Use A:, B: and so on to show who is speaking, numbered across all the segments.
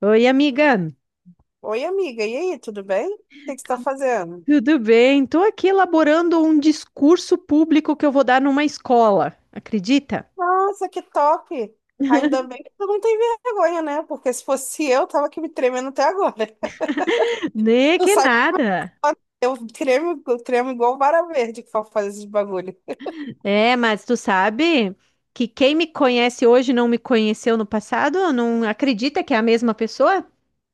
A: Oi, amiga,
B: Oi, amiga, e aí, tudo bem? O que que você está fazendo?
A: tudo bem? Estou aqui elaborando um discurso público que eu vou dar numa escola, acredita?
B: Nossa, que top! Ainda bem que tu não tem vergonha, né? Porque se fosse eu, tava aqui me tremendo até agora.
A: Nem
B: Tu
A: que
B: sabe,
A: nada.
B: eu tremo igual vara verde que for fazer esses bagulho.
A: É, mas tu sabe que quem me conhece hoje não me conheceu no passado? Não acredita que é a mesma pessoa?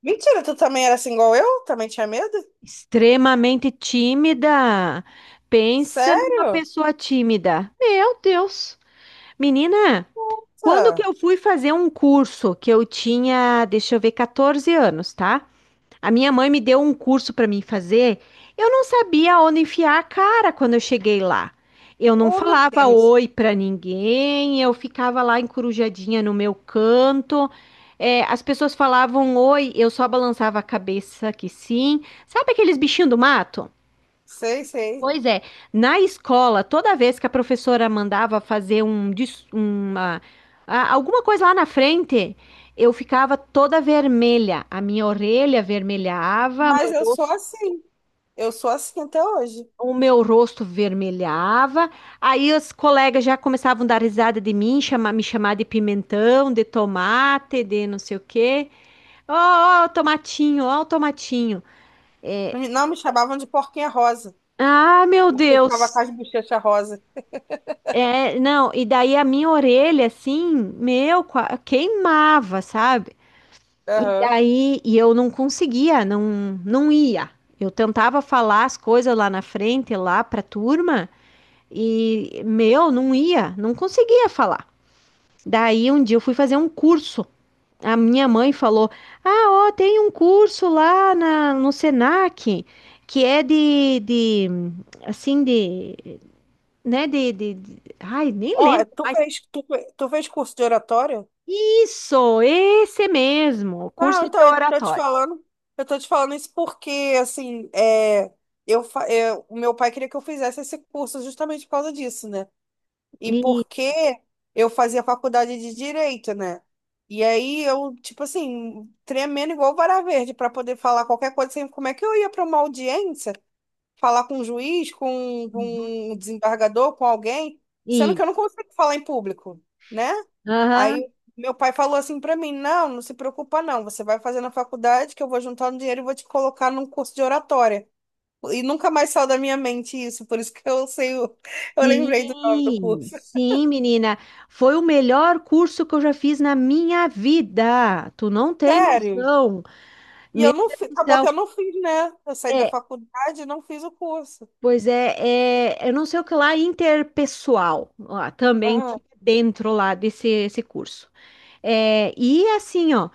B: Mentira, tu também era assim igual eu? Também tinha medo?
A: Extremamente tímida. Pensa numa
B: Sério?
A: pessoa tímida. Meu Deus! Menina, quando que
B: Nossa!
A: eu fui fazer um curso que eu tinha, deixa eu ver, 14 anos, tá? A minha mãe me deu um curso para mim fazer. Eu não sabia onde enfiar a cara quando eu cheguei lá. Eu não
B: Oh, meu
A: falava
B: Deus!
A: oi para ninguém, eu ficava lá encorujadinha no meu canto. É, as pessoas falavam oi, eu só balançava a cabeça que sim. Sabe aqueles bichinhos do mato?
B: Sei, sei.
A: Pois é, na escola, toda vez que a professora mandava fazer um, uma, alguma coisa lá na frente, eu ficava toda vermelha. A minha orelha vermelhava,
B: Mas eu sou assim. Eu sou assim até hoje.
A: o meu rosto vermelhava. Aí os colegas já começavam a dar risada de mim, me chamar de pimentão, de tomate, de não sei o quê. Ó, ó, o tomatinho, ó, o tomatinho.
B: Não, me não, me chamavam de porquinha rosa.
A: Ah, meu
B: Porque eu ficava com
A: Deus!
B: as bochechas rosa.
A: É, não, e daí a minha orelha, assim, meu, queimava, sabe? E
B: Aham.
A: daí, e eu não conseguia, não, não ia. Eu tentava falar as coisas lá na frente, lá pra turma, e, meu, não ia, não conseguia falar. Daí, um dia eu fui fazer um curso. A minha mãe falou: Ah, ó, tem um curso lá no Senac, que é de, assim, de, né, ai, nem
B: Ó, é,
A: lembro
B: tu
A: mais.
B: fez, tu, fe- tu fez curso de oratória?
A: Isso, esse mesmo, curso
B: Ah,
A: de
B: então, eu tô te
A: oratório.
B: falando, eu tô te falando isso porque, assim, é, o meu pai queria que eu fizesse esse curso justamente por causa disso, né? E
A: Isso,
B: porque eu fazia faculdade de Direito, né? E aí eu, tipo assim, tremendo igual vara verde para poder falar qualquer coisa, assim, como é que eu ia para uma audiência? Falar com um juiz, com, um,
A: uhum,
B: com um desembargador, com alguém, sendo que
A: isso.
B: eu não consigo falar em público, né? Aí
A: Aham.
B: meu pai falou assim pra mim: não, não se preocupa, não, você vai fazer na faculdade que eu vou juntar um dinheiro e vou te colocar num curso de oratória. E nunca mais saiu da minha mente isso, por isso que eu sei, eu lembrei do nome do
A: Sim,
B: curso.
A: sim, menina. Foi o melhor curso que eu já fiz na minha vida. Tu não tem
B: Sério.
A: noção.
B: E eu
A: Meu
B: não
A: Deus
B: fiz,
A: do
B: acabou que eu
A: céu.
B: não fiz, né? Eu saí da
A: É,
B: faculdade e não fiz o curso.
A: pois é, é, eu não sei o que lá, interpessoal. Ó, também
B: Aham.
A: tinha dentro lá desse esse curso. É, e assim, ó.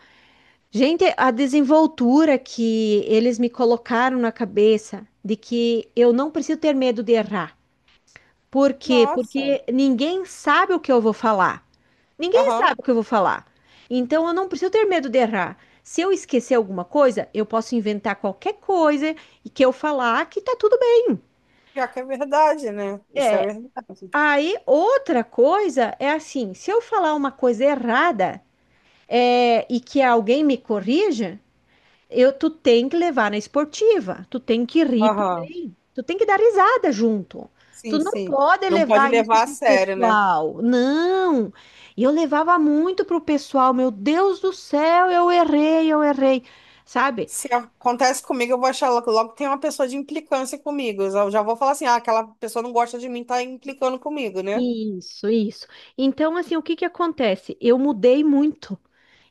A: Gente, a desenvoltura que eles me colocaram na cabeça de que eu não preciso ter medo de errar. Por quê?
B: Nossa.
A: Porque ninguém sabe o que eu vou falar. Ninguém
B: Aham.
A: sabe o que eu vou falar. Então eu não preciso ter medo de errar. Se eu esquecer alguma coisa, eu posso inventar qualquer coisa e que eu falar que tá tudo bem.
B: Já que é verdade, né? Isso é
A: É,
B: verdade.
A: aí outra coisa é assim, se eu falar uma coisa errada, é, e que alguém me corrija, tu tem que levar na esportiva, tu tem que rir
B: Aham.
A: também, tu tem que dar risada junto. Tu
B: Sim,
A: não
B: sim.
A: pode
B: Não pode
A: levar isso
B: levar a
A: pro
B: sério, né?
A: pessoal. Não. E eu levava muito pro pessoal, meu Deus do céu, eu errei, eu errei. Sabe?
B: Se acontece comigo, eu vou achar logo logo que tem uma pessoa de implicância comigo. Eu já já vou falar assim, ah, aquela pessoa não gosta de mim, tá implicando comigo, né?
A: Isso, isso. Então, assim, o que que acontece? Eu mudei muito.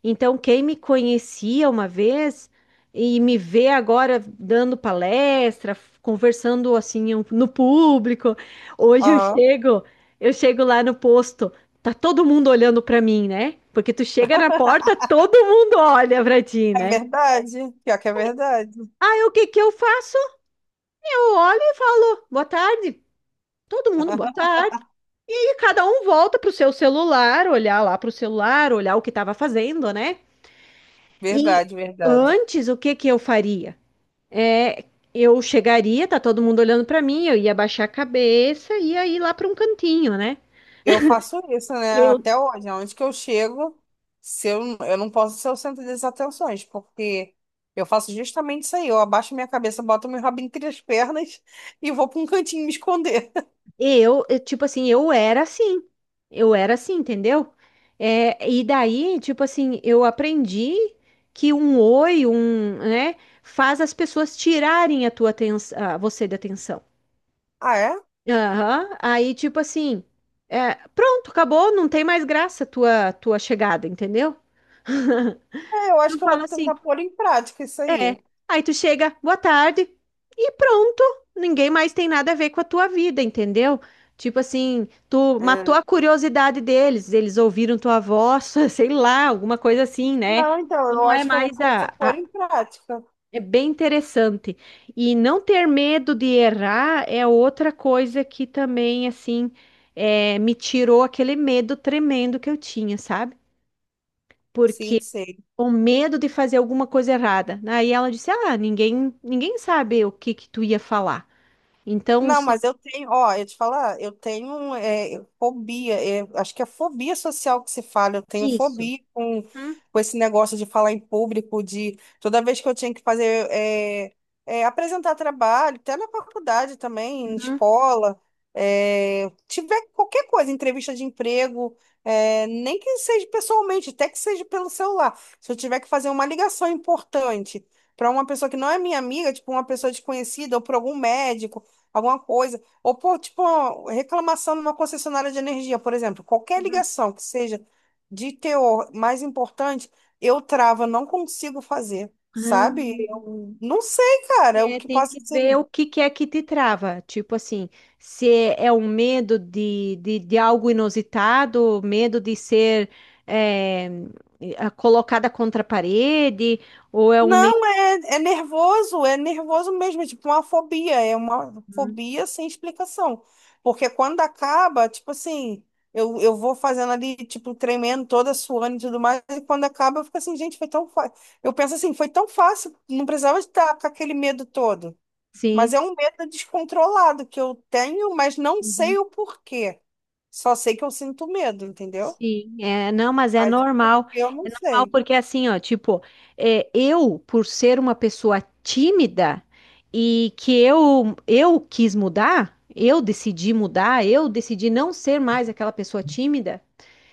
A: Então, quem me conhecia uma vez e me vê agora dando palestra, conversando assim no público, hoje
B: Aham.
A: eu chego lá no posto, tá todo mundo olhando para mim, né? Porque tu chega na porta, todo mundo olha para ti,
B: É
A: né?
B: verdade. Pior que é verdade.
A: Aí o que que eu faço? Eu olho e falo, boa tarde. Todo mundo, boa tarde. Cada um volta pro seu celular, olhar lá pro celular, olhar o que estava fazendo, né? E
B: Verdade, verdade.
A: antes, o que que eu faria? É, eu chegaria, tá todo mundo olhando pra mim, eu ia baixar a cabeça e ia ir lá pra um cantinho, né?
B: Eu faço isso, né?
A: Eu,
B: Até hoje, aonde que eu chego, se eu, eu não posso ser o centro das atenções, porque eu faço justamente isso aí. Eu abaixo minha cabeça, boto meu rabo entre as pernas e vou pra um cantinho me esconder.
A: tipo assim, eu era assim. Eu era assim, entendeu? É, e daí, tipo assim, eu aprendi que um oi, um, né, faz as pessoas tirarem a tua atenção, você da atenção.
B: Ah, é?
A: Aham. Aí, tipo assim, é, pronto, acabou, não tem mais graça a tua chegada, entendeu?
B: É, eu acho
A: Tu
B: que eu vou
A: fala
B: tentar
A: assim,
B: pôr em prática isso
A: é.
B: aí.
A: Aí tu chega, boa tarde, e pronto. Ninguém mais tem nada a ver com a tua vida, entendeu? Tipo assim, tu matou
B: É.
A: a curiosidade deles, eles ouviram tua voz, sei lá, alguma coisa assim, né?
B: Não, então,
A: Tu
B: eu
A: não é
B: acho que eu vou
A: mais
B: começar a pôr
A: a,
B: em prática.
A: é bem interessante. E não ter medo de errar é outra coisa que também, assim, é, me tirou aquele medo tremendo que eu tinha, sabe?
B: Sim,
A: Porque
B: sim.
A: o medo de fazer alguma coisa errada. Aí ela disse: Ah, ninguém, ninguém sabe o que que tu ia falar. Então,
B: Não,
A: se...
B: mas eu tenho, ó, eu te falar, eu tenho é, fobia, é, acho que é fobia social que se fala, eu tenho
A: Isso.
B: fobia
A: Uhum.
B: com esse negócio de falar em público, de toda vez que eu tinha que fazer, apresentar trabalho, até na faculdade também, em escola, é, tiver qualquer coisa, entrevista de emprego, é, nem que seja pessoalmente, até que seja pelo celular, se eu tiver que fazer uma ligação importante. Para uma pessoa que não é minha amiga, tipo uma pessoa desconhecida, ou para algum médico alguma coisa. Ou, pô, tipo, uma reclamação numa concessionária de energia, por exemplo. Qualquer ligação que seja de teor mais importante, eu travo, não consigo fazer, sabe?
A: Uhum.
B: Eu não sei, cara, o
A: É,
B: que
A: tem
B: passa
A: que
B: assim.
A: ver o que que é que te trava. Tipo assim, se é um medo de algo inusitado, medo de ser é, colocada contra a parede, ou é um medo.
B: Não, é, é nervoso mesmo, é tipo uma fobia, é uma fobia sem explicação. Porque quando acaba, tipo assim, eu vou fazendo ali, tipo, tremendo toda, suando e tudo mais, e quando acaba, eu fico assim, gente, foi tão fácil. Eu penso assim, foi tão fácil, não precisava estar com aquele medo todo. Mas
A: Sim.
B: é um medo descontrolado que eu tenho, mas não
A: Uhum.
B: sei o porquê. Só sei que eu sinto medo, entendeu?
A: Sim, é, não, mas é
B: Mas
A: normal.
B: eu não
A: É normal
B: sei.
A: porque assim, ó, tipo, é, eu, por ser uma pessoa tímida e que eu quis mudar, eu decidi não ser mais aquela pessoa tímida.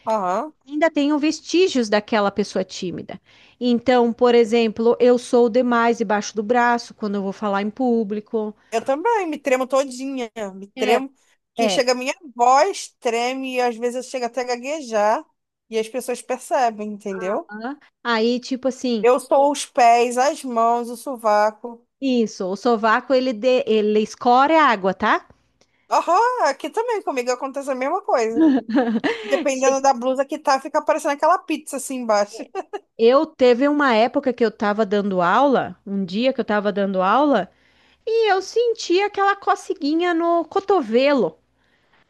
B: Aham.
A: Ainda tenham vestígios daquela pessoa tímida. Então, por exemplo, eu sou demais debaixo do braço quando eu vou falar em público.
B: Eu também, me tremo todinha, me
A: É,
B: tremo, que
A: é.
B: chega a minha voz, treme, e às vezes eu chego até a gaguejar, e as pessoas percebem, entendeu?
A: Hã? Aí, tipo assim,
B: Eu sou os pés, as mãos, o sovaco.
A: isso, o sovaco ele, de, ele escorre a água, tá?
B: Aham, aqui também comigo acontece a mesma coisa.
A: Che-
B: Dependendo da blusa que tá, fica parecendo aquela pizza assim embaixo.
A: Eu teve uma época que eu tava dando aula, um dia que eu tava dando aula, e eu senti aquela coceguinha no cotovelo.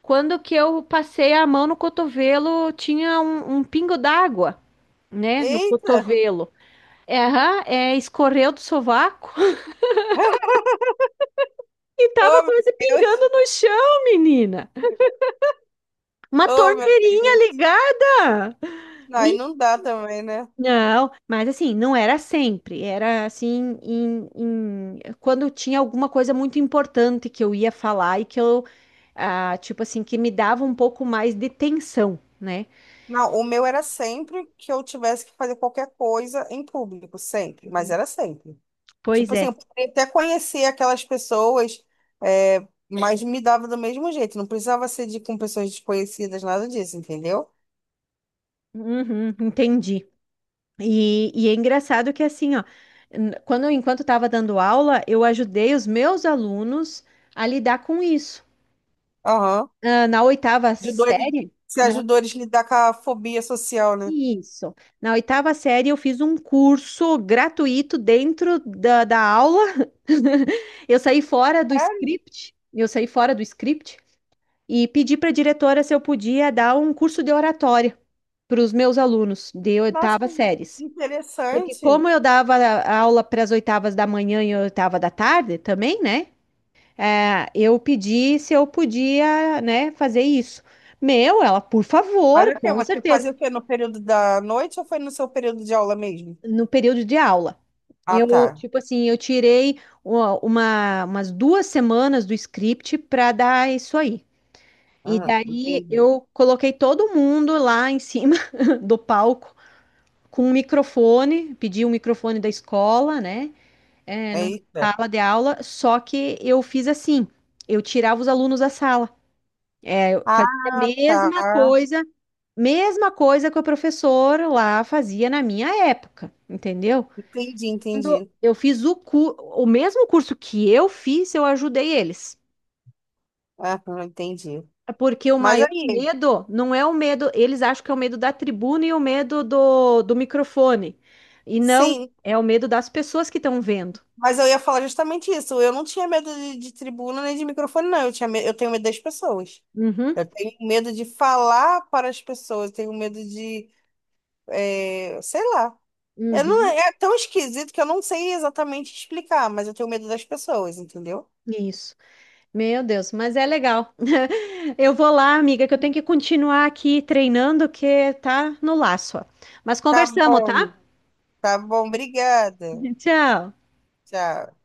A: Quando que eu passei a mão no cotovelo, tinha um pingo d'água, né, no
B: Eita!
A: cotovelo. É, aham, é, escorreu do sovaco e
B: Oh,
A: tava
B: meu
A: quase
B: Deus!
A: pingando no chão, menina. Uma
B: Oh, meu
A: torneirinha
B: Deus!
A: ligada.
B: Não, aí
A: Me-
B: não dá também, né?
A: Não, mas assim, não era sempre. Era assim, quando tinha alguma coisa muito importante que eu ia falar e que eu, ah, tipo assim, que me dava um pouco mais de tensão, né?
B: Não, o meu era sempre que eu tivesse que fazer qualquer coisa em público, sempre, mas era sempre.
A: Pois
B: Tipo assim,
A: é.
B: eu poderia até conhecer aquelas pessoas, é, mas me dava do mesmo jeito. Não precisava ser de, com pessoas desconhecidas, nada disso, entendeu?
A: Uhum, entendi. E é engraçado que assim, ó, n- quando enquanto estava dando aula, eu ajudei os meus alunos a lidar com isso.
B: Aham.
A: Ah, na oitava
B: Ajudou eles,
A: série,
B: se
A: na,
B: ajudou eles a lidar com a fobia social, né?
A: isso. Na oitava série eu fiz um curso gratuito dentro da aula. Eu saí fora do
B: É,
A: script, eu saí fora do script e pedi para a diretora se eu podia dar um curso de oratória para os meus alunos de
B: nossa,
A: oitava séries. Porque
B: interessante.
A: como eu dava aula para as oitavas da manhã e oitava da tarde também, né? É, eu pedi se eu podia, né, fazer isso. Meu, ela, por
B: Mas
A: favor,
B: o quê?
A: com
B: Você
A: certeza,
B: fazia o quê? No período da noite ou foi no seu período de aula mesmo?
A: no período de aula.
B: Ah,
A: Eu,
B: tá.
A: tipo assim, eu tirei umas duas semanas do script para dar isso aí. E
B: Ah,
A: daí
B: entendi.
A: eu coloquei todo mundo lá em cima do palco com um microfone, pedi um microfone da escola, né? É, numa
B: Eita.
A: sala de aula, só que eu fiz assim, eu tirava os alunos da sala, É, eu fazia a
B: Ah, tá.
A: mesma coisa que o professor lá fazia na minha época, entendeu?
B: Entendi,
A: Quando
B: entendi.
A: eu fiz o, o mesmo curso que eu fiz, eu ajudei eles.
B: Aham, entendi.
A: É. Porque o
B: Mas
A: maior
B: aí,
A: medo não é o medo, eles acham que é o medo da tribuna e o medo do, do microfone. E não,
B: sim,
A: é o medo das pessoas que estão vendo.
B: mas eu ia falar justamente isso. Eu não tinha medo de tribuna nem de microfone, não. Eu tenho medo das pessoas.
A: Uhum,
B: Eu tenho medo de falar para as pessoas. Eu tenho medo de, é, sei lá. Eu não,
A: uhum,
B: é tão esquisito que eu não sei exatamente explicar, mas eu tenho medo das pessoas, entendeu?
A: isso. Meu Deus, mas é legal. Eu vou lá, amiga, que eu tenho que continuar aqui treinando, que tá no laço. Ó. Mas
B: Tá
A: conversamos, tá?
B: bom, tá bom, obrigada.
A: Tchau.
B: Tchau.